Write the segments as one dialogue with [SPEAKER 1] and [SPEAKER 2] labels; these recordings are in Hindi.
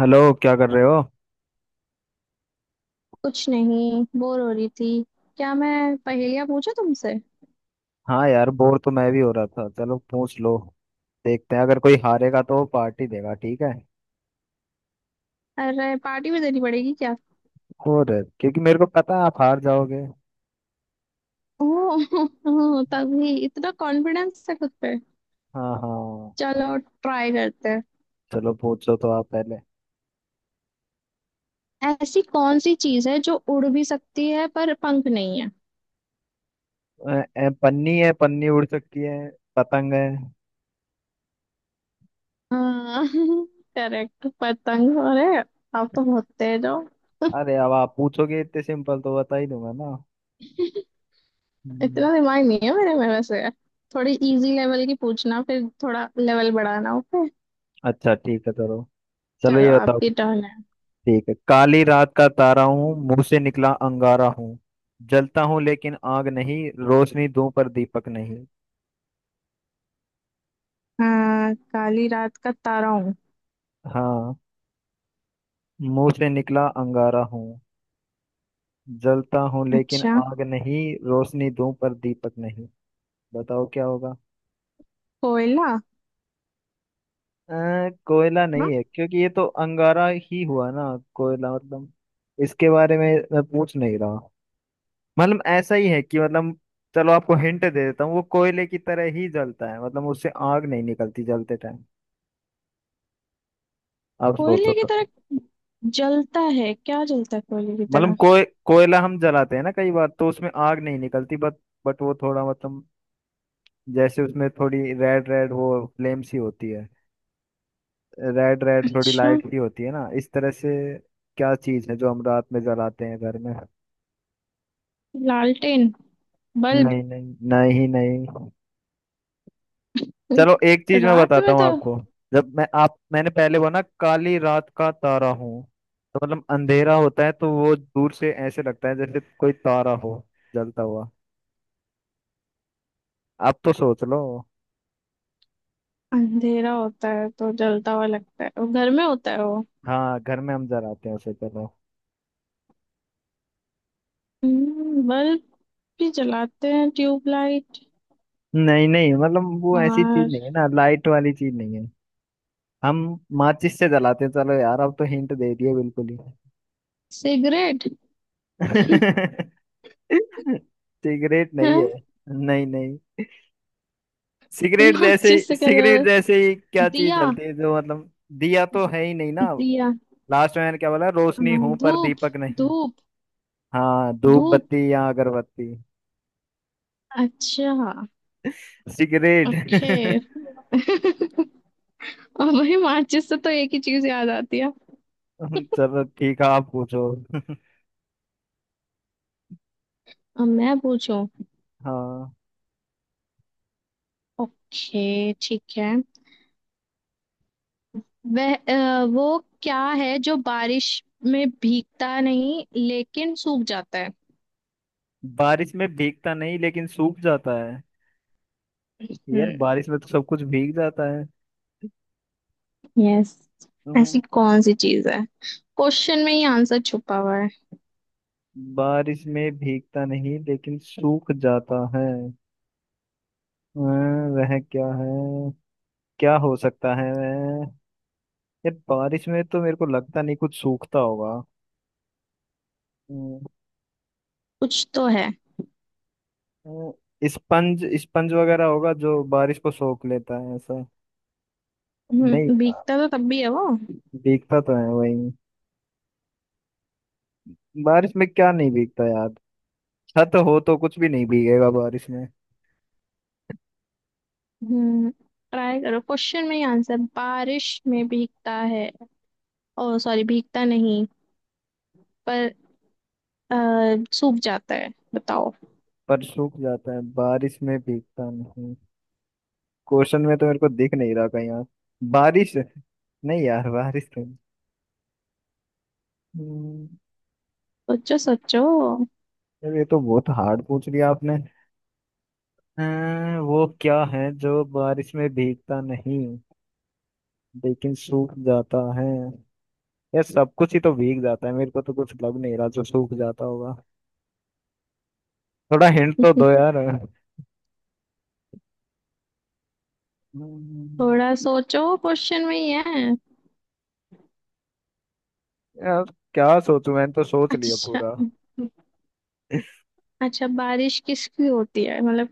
[SPEAKER 1] हेलो, क्या कर रहे हो?
[SPEAKER 2] कुछ नहीं, बोर हो रही थी। क्या मैं पहेलियां पूछूं तुमसे?
[SPEAKER 1] हाँ यार, बोर तो मैं भी हो रहा था। चलो पूछ लो। देखते हैं, अगर कोई हारेगा तो वो पार्टी देगा, ठीक है।
[SPEAKER 2] अरे पार्टी भी देनी पड़ेगी क्या?
[SPEAKER 1] और। क्योंकि मेरे को पता है आप हार जाओगे।
[SPEAKER 2] ओह तभी इतना कॉन्फिडेंस है खुद पे।
[SPEAKER 1] हाँ, हाँ।
[SPEAKER 2] चलो ट्राई करते हैं।
[SPEAKER 1] चलो, पूछो तो आप पहले।
[SPEAKER 2] ऐसी कौन सी चीज है जो उड़ भी सकती है पर पंख नहीं है?
[SPEAKER 1] पन्नी है, पन्नी उड़ सकती है। पतंग है।
[SPEAKER 2] हाँ करेक्ट, पतंग। अरे आप तो बहुत तेज हो।
[SPEAKER 1] अरे, अब आप पूछोगे इतने सिंपल तो बता ही दूंगा ना। हम्म।
[SPEAKER 2] इतना दिमाग नहीं है मेरे में वैसे। थोड़ी इजी लेवल की पूछना, फिर थोड़ा लेवल बढ़ाना, ओके।
[SPEAKER 1] अच्छा, ठीक है, चलो। चलो,
[SPEAKER 2] चलो
[SPEAKER 1] ये बताओ।
[SPEAKER 2] आपकी टर्न है।
[SPEAKER 1] ठीक है। काली रात का तारा हूँ, मुंह से निकला अंगारा हूँ। जलता हूँ लेकिन आग नहीं। रोशनी दूं पर दीपक नहीं।
[SPEAKER 2] हाँ, काली रात का तारा हूँ।
[SPEAKER 1] हाँ। मुंह से निकला अंगारा हूँ। जलता हूँ लेकिन
[SPEAKER 2] अच्छा।
[SPEAKER 1] आग नहीं। रोशनी दूं पर दीपक नहीं। बताओ क्या होगा।
[SPEAKER 2] कोयला।
[SPEAKER 1] कोयला नहीं
[SPEAKER 2] ना?
[SPEAKER 1] है, क्योंकि ये तो अंगारा ही हुआ ना। कोयला, मतलब। इसके बारे में मैं पूछ नहीं रहा। मतलब ऐसा ही है कि मतलब। चलो, आपको हिंट दे देता हूँ। वो कोयले की तरह ही जलता है, मतलब उससे आग नहीं निकलती जलते टाइम। आप सोचो
[SPEAKER 2] कोयले की
[SPEAKER 1] तो।
[SPEAKER 2] तरह जलता है? क्या जलता है कोयले की
[SPEAKER 1] मतलब
[SPEAKER 2] तरह?
[SPEAKER 1] कोयला हम जलाते हैं ना, कई बार तो उसमें आग नहीं निकलती बट। बट वो थोड़ा मतलब। जैसे उसमें थोड़ी रेड रेड वो फ्लेम सी होती है। रेड रेड थोड़ी
[SPEAKER 2] अच्छा।
[SPEAKER 1] लाइट सी होती है ना, इस तरह से। क्या चीज है जो हम रात में जलाते हैं घर में?
[SPEAKER 2] लालटेन, बल्ब।
[SPEAKER 1] नहीं, नहीं, नहीं, नहीं। चलो, एक चीज मैं
[SPEAKER 2] रात
[SPEAKER 1] बताता
[SPEAKER 2] में
[SPEAKER 1] हूँ
[SPEAKER 2] तो
[SPEAKER 1] आपको। जब मैं आप मैंने पहले वो ना, काली रात का तारा हूँ। तो मतलब अंधेरा होता है तो वो दूर से ऐसे लगता है जैसे कोई तारा हो। जलता हुआ। आप तो सोच लो।
[SPEAKER 2] अंधेरा होता है तो जलता हुआ लगता है वो, घर में होता है वो।
[SPEAKER 1] हाँ, घर में हम जलाते हैं उसे। चलो।
[SPEAKER 2] बल्ब भी जलाते हैं, ट्यूबलाइट।
[SPEAKER 1] नहीं नहीं, मतलब वो ऐसी चीज
[SPEAKER 2] और?
[SPEAKER 1] नहीं है ना, लाइट वाली चीज नहीं है। हम माचिस से जलाते हैं। चलो यार, अब तो हिंट दे दिए बिल्कुल ही।
[SPEAKER 2] सिगरेट।
[SPEAKER 1] सिगरेट नहीं है।
[SPEAKER 2] हैं?
[SPEAKER 1] नहीं नहीं। सिगरेट जैसे
[SPEAKER 2] माचिस से क्या
[SPEAKER 1] सिगरेट
[SPEAKER 2] जला
[SPEAKER 1] जैसे ही क्या चीज
[SPEAKER 2] दिया?
[SPEAKER 1] जलती है जो मतलब। दिया तो है ही नहीं ना।
[SPEAKER 2] दिया।
[SPEAKER 1] लास्ट में मैंने क्या बोला?
[SPEAKER 2] अ,
[SPEAKER 1] रोशनी हूं पर
[SPEAKER 2] धूप,
[SPEAKER 1] दीपक नहीं।
[SPEAKER 2] धूप।
[SPEAKER 1] हाँ, धूप
[SPEAKER 2] धूप।
[SPEAKER 1] बत्ती या अगरबत्ती।
[SPEAKER 2] अच्छा। Okay
[SPEAKER 1] cigarette.
[SPEAKER 2] अब भाई, माचिस से तो एक ही चीज याद आती है।
[SPEAKER 1] चलो ठीक है, आप पूछो।
[SPEAKER 2] अब मैं पूछूं।
[SPEAKER 1] हाँ।
[SPEAKER 2] ओके ठीक है। वह, वो क्या है जो बारिश में भीगता नहीं लेकिन सूख जाता है?
[SPEAKER 1] बारिश में भीगता नहीं लेकिन सूख जाता है? यार,
[SPEAKER 2] हम्म।
[SPEAKER 1] बारिश में तो सब कुछ भीग जाता है।
[SPEAKER 2] यस।
[SPEAKER 1] हम्म।
[SPEAKER 2] ऐसी कौन सी चीज है? क्वेश्चन में ही आंसर छुपा हुआ है।
[SPEAKER 1] बारिश में भीगता नहीं लेकिन सूख जाता है। वह क्या है? क्या हो सकता है वह? यार, बारिश में तो मेरे को लगता नहीं कुछ सूखता होगा। अं,
[SPEAKER 2] कुछ तो है।
[SPEAKER 1] स्पंज स्पंज वगैरह होगा जो बारिश को सोख लेता है ऐसा। नहीं।
[SPEAKER 2] हम्म, भीगता तो तब भी है वो।
[SPEAKER 1] भीगता तो है वही। बारिश में क्या नहीं भीगता यार? छत हो तो कुछ भी नहीं भीगेगा बारिश में।
[SPEAKER 2] हम्म। ट्राई करो, क्वेश्चन में ही आंसर। बारिश में भीगता है, ओ सॉरी भीगता नहीं, पर अ, सूख जाता है। बताओ।
[SPEAKER 1] पर सूख जाता है, बारिश में भीगता नहीं। क्वेश्चन में तो मेरे को दिख नहीं रहा कहीं यार। बारिश नहीं यार, बारिश तो नहीं। हम्म।
[SPEAKER 2] सोचो सोचो।
[SPEAKER 1] यार, ये तो बहुत हार्ड पूछ लिया आपने। वो क्या है जो बारिश में भीगता नहीं लेकिन सूख जाता है? यार, सब कुछ ही तो भीग जाता है, मेरे को तो कुछ लग नहीं रहा जो सूख जाता होगा। थोड़ा हिंट तो दो यार। हम्म।
[SPEAKER 2] थोड़ा सोचो, क्वेश्चन में ही है।
[SPEAKER 1] यार, क्या सोचूं? मैंने तो सोच लिया
[SPEAKER 2] अच्छा।
[SPEAKER 1] पूरा।
[SPEAKER 2] अच्छा बारिश किसकी होती है मतलब?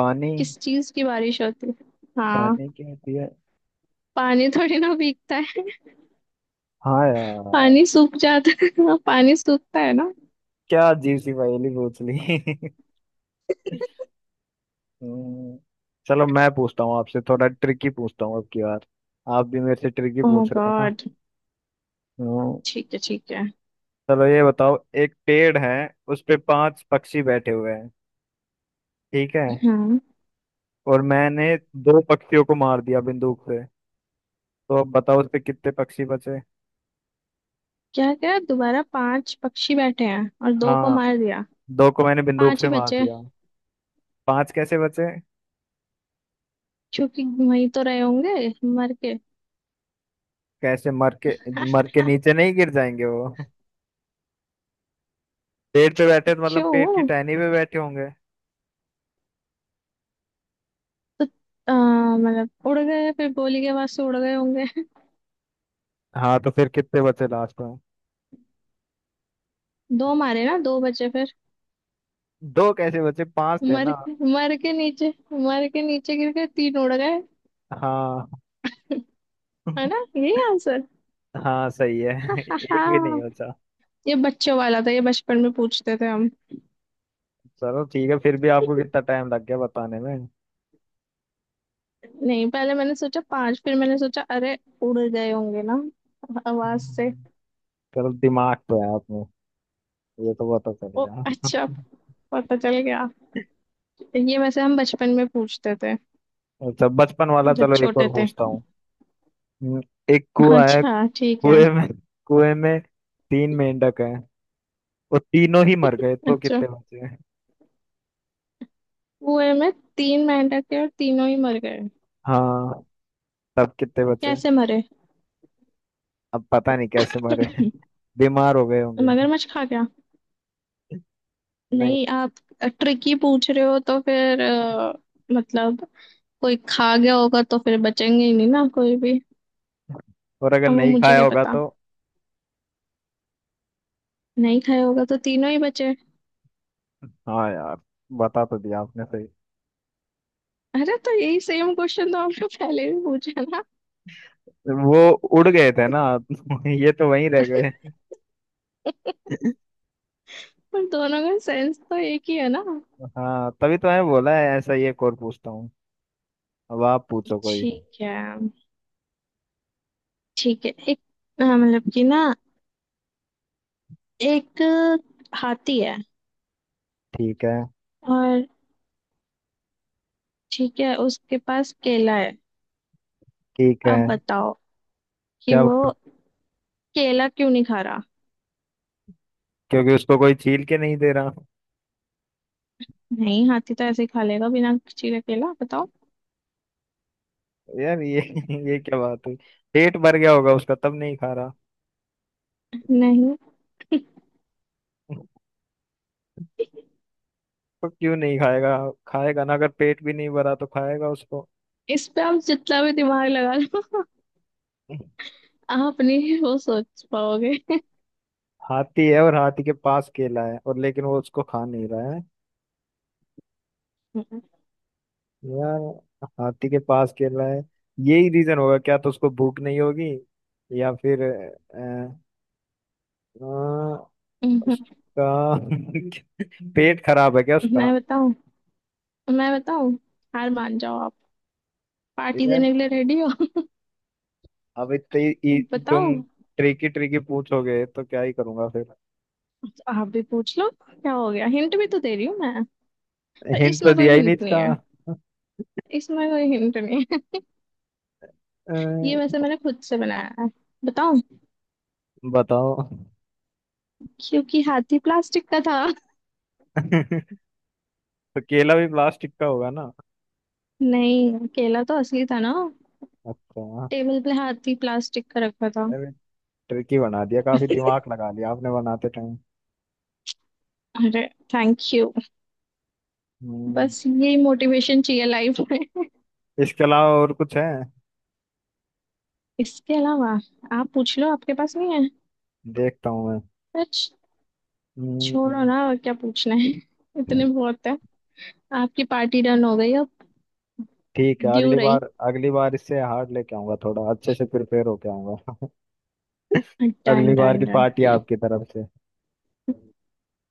[SPEAKER 1] पानी।
[SPEAKER 2] किस चीज की बारिश होती है? हाँ।
[SPEAKER 1] पानी क्या होती है?
[SPEAKER 2] पानी थोड़ी ना भीगता है।
[SPEAKER 1] हाँ यार।
[SPEAKER 2] पानी सूख जाता है पानी सूखता है ना।
[SPEAKER 1] क्या अजीब सी पहेली पूछ ली। हम्म। चलो, मैं पूछता हूँ आपसे, थोड़ा ट्रिकी पूछता हूँ अब की बार। आप भी मेरे से ट्रिकी
[SPEAKER 2] ओह
[SPEAKER 1] पूछ रहे हो ना।
[SPEAKER 2] गॉड।
[SPEAKER 1] हम्म।
[SPEAKER 2] ठीक है ठीक है।
[SPEAKER 1] चलो, ये बताओ। एक पेड़ है। उस पे पांच पक्षी बैठे हुए हैं। ठीक है।
[SPEAKER 2] हाँ।
[SPEAKER 1] और मैंने दो पक्षियों को मार दिया बंदूक से। तो अब बताओ उस पे कितने पक्षी बचे?
[SPEAKER 2] क्या क्या? दोबारा, पांच पक्षी बैठे हैं और दो को
[SPEAKER 1] हाँ।
[SPEAKER 2] मार दिया?
[SPEAKER 1] दो को मैंने बंदूक
[SPEAKER 2] पांच
[SPEAKER 1] से
[SPEAKER 2] ही
[SPEAKER 1] मार
[SPEAKER 2] बचे।
[SPEAKER 1] दिया। पांच कैसे बचे?
[SPEAKER 2] क्योंकि वहीं तो रहे होंगे मर के
[SPEAKER 1] कैसे मर के? मर के नीचे नहीं गिर जाएंगे वो? पेड़ पे बैठे तो मतलब पेड़ की
[SPEAKER 2] क्यों?
[SPEAKER 1] टहनी पे बैठे होंगे।
[SPEAKER 2] मतलब उड़ गए, फिर गोली के आवाज से उड़ गए होंगे।
[SPEAKER 1] हाँ, तो फिर कितने बचे लास्ट में?
[SPEAKER 2] दो मारे ना, दो बचे फिर।
[SPEAKER 1] दो कैसे बचे, पांच थे
[SPEAKER 2] मर
[SPEAKER 1] ना?
[SPEAKER 2] मर के नीचे मर के नीचे गिर के, तीन उड़ गए।
[SPEAKER 1] हाँ।
[SPEAKER 2] है ना, यही आंसर?
[SPEAKER 1] हाँ सही है।
[SPEAKER 2] हा
[SPEAKER 1] एक भी नहीं बचा।
[SPEAKER 2] ये बच्चों वाला था, ये बचपन में पूछते थे हम।
[SPEAKER 1] चलो ठीक है, फिर भी आपको कितना टाइम लग गया बताने में।
[SPEAKER 2] नहीं पहले मैंने सोचा पांच, फिर मैंने सोचा अरे उड़ गए होंगे ना आवाज से।
[SPEAKER 1] हम्म। चलो, दिमाग तो है आप में, ये तो पता चल
[SPEAKER 2] ओ
[SPEAKER 1] गया।
[SPEAKER 2] अच्छा। पता चल गया। ये वैसे हम बचपन में पूछते थे
[SPEAKER 1] अच्छा, बचपन वाला
[SPEAKER 2] जब
[SPEAKER 1] चलो एक
[SPEAKER 2] छोटे
[SPEAKER 1] और
[SPEAKER 2] थे।
[SPEAKER 1] पूछता हूँ। हम्म। एक कुआ है।
[SPEAKER 2] अच्छा ठीक है।
[SPEAKER 1] कुएं में कुएं में तीन मेंढक हैं। वो तीनों ही मर गए तो
[SPEAKER 2] अच्छा,
[SPEAKER 1] कितने बचे?
[SPEAKER 2] कुएं में तीन मेंढक थे और तीनों ही मर गए?
[SPEAKER 1] हाँ, तब कितने बचे?
[SPEAKER 2] कैसे मरे?
[SPEAKER 1] अब पता नहीं कैसे मरे, बीमार हो गए होंगे।
[SPEAKER 2] मगरमच्छ खा गया?
[SPEAKER 1] नहीं।
[SPEAKER 2] नहीं, आप ट्रिकी पूछ रहे हो तो फिर मतलब कोई खा गया होगा तो फिर बचेंगे ही नहीं ना कोई भी।
[SPEAKER 1] और अगर
[SPEAKER 2] अब वो
[SPEAKER 1] नहीं
[SPEAKER 2] मुझे
[SPEAKER 1] खाया
[SPEAKER 2] क्या
[SPEAKER 1] होगा
[SPEAKER 2] पता।
[SPEAKER 1] तो?
[SPEAKER 2] नहीं खाया होगा तो तीनों ही बचे।
[SPEAKER 1] हाँ यार। बता तो दिया आपने।
[SPEAKER 2] अरे तो यही सेम क्वेश्चन तो आपने पहले भी पूछा ना।
[SPEAKER 1] वो उड़ गए थे ना, ये तो वहीं रह गए।
[SPEAKER 2] पर दोनों का सेंस तो एक ही है ना।
[SPEAKER 1] हाँ, तभी तो मैंने बोला है ऐसा ही एक और पूछता हूँ। अब आप पूछो कोई।
[SPEAKER 2] ठीक है ठीक है। एक, मतलब कि ना, एक हाथी है।
[SPEAKER 1] ठीक है,
[SPEAKER 2] और ठीक है, उसके पास केला है।
[SPEAKER 1] ठीक है।
[SPEAKER 2] अब बताओ कि
[SPEAKER 1] क्या
[SPEAKER 2] वो
[SPEAKER 1] बताऊँ?
[SPEAKER 2] केला क्यों नहीं खा रहा?
[SPEAKER 1] क्योंकि उसको कोई छील के नहीं दे रहा।
[SPEAKER 2] नहीं हाथी तो ऐसे ही खा लेगा बिना चीरे केला, बताओ।
[SPEAKER 1] यार ये, ये क्या बात हुई? पेट भर गया होगा उसका, तब नहीं खा रहा।
[SPEAKER 2] नहीं।
[SPEAKER 1] तो क्यों नहीं खाएगा? खाएगा ना, अगर पेट भी नहीं भरा तो खाएगा उसको।
[SPEAKER 2] इस पे आप जितना भी दिमाग लगा लो, आप नहीं वो सोच पाओगे।
[SPEAKER 1] हाथी है और हाथी के पास केला है और लेकिन वो उसको खा नहीं रहा है। यार। हाथी के पास खेल रहा है। यही रीजन होगा क्या, तो उसको भूख नहीं होगी। या फिर अ, उसका पेट खराब है क्या उसका?
[SPEAKER 2] मैं बताऊं? मैं बताऊं? हार मान जाओ आप। पार्टी
[SPEAKER 1] यार,
[SPEAKER 2] देने के लिए रेडी हो?
[SPEAKER 1] अब
[SPEAKER 2] बताओ।
[SPEAKER 1] तुम ट्रिकी ट्रिकी पूछोगे तो क्या ही करूंगा फिर।
[SPEAKER 2] आप भी पूछ लो, क्या हो गया, हिंट भी तो दे रही हूँ मैं। पर
[SPEAKER 1] हिंट तो
[SPEAKER 2] इसमें कोई
[SPEAKER 1] दिया ही
[SPEAKER 2] हिंट
[SPEAKER 1] नहीं
[SPEAKER 2] नहीं
[SPEAKER 1] इसका।
[SPEAKER 2] है, इसमें कोई हिंट नहीं है।
[SPEAKER 1] अ,
[SPEAKER 2] ये वैसे मैंने खुद से बनाया है। बताओ।
[SPEAKER 1] बताओ।
[SPEAKER 2] क्योंकि हाथी प्लास्टिक का था।
[SPEAKER 1] तो केला भी प्लास्टिक का होगा ना।
[SPEAKER 2] नहीं, केला तो असली था ना।
[SPEAKER 1] अच्छा।
[SPEAKER 2] टेबल पे हाथी प्लास्टिक का रखा था।
[SPEAKER 1] अरे, ट्रिकी बना दिया, काफी दिमाग लगा लिया आपने बनाते टाइम।
[SPEAKER 2] अरे, थैंक यू।
[SPEAKER 1] हम्म।
[SPEAKER 2] बस यही मोटिवेशन चाहिए लाइफ में
[SPEAKER 1] इसके अलावा और कुछ है?
[SPEAKER 2] इसके अलावा आप पूछ लो, आपके पास नहीं है?
[SPEAKER 1] देखता हूँ मैं।
[SPEAKER 2] सच?
[SPEAKER 1] हम्म।
[SPEAKER 2] छोड़ो ना, और क्या पूछना है
[SPEAKER 1] हम्म।
[SPEAKER 2] इतने बहुत है। आपकी पार्टी डन हो गई अब।
[SPEAKER 1] ठीक है,
[SPEAKER 2] ड्यू
[SPEAKER 1] अगली
[SPEAKER 2] रही।
[SPEAKER 1] बार, अगली बार इससे हार्ड लेके आऊंगा, थोड़ा अच्छे से प्रिपेयर होके आऊंगा।
[SPEAKER 2] डन
[SPEAKER 1] अगली बार
[SPEAKER 2] डन
[SPEAKER 1] की
[SPEAKER 2] डन।
[SPEAKER 1] पार्टी आपकी तरफ से।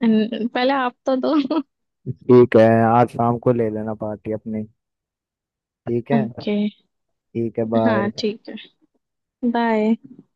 [SPEAKER 2] पहले आप तो दो
[SPEAKER 1] ठीक है, आज शाम को ले लेना पार्टी अपनी। ठीक है।
[SPEAKER 2] ओके।
[SPEAKER 1] ठीक है, बाय।
[SPEAKER 2] हाँ ठीक है। बाय।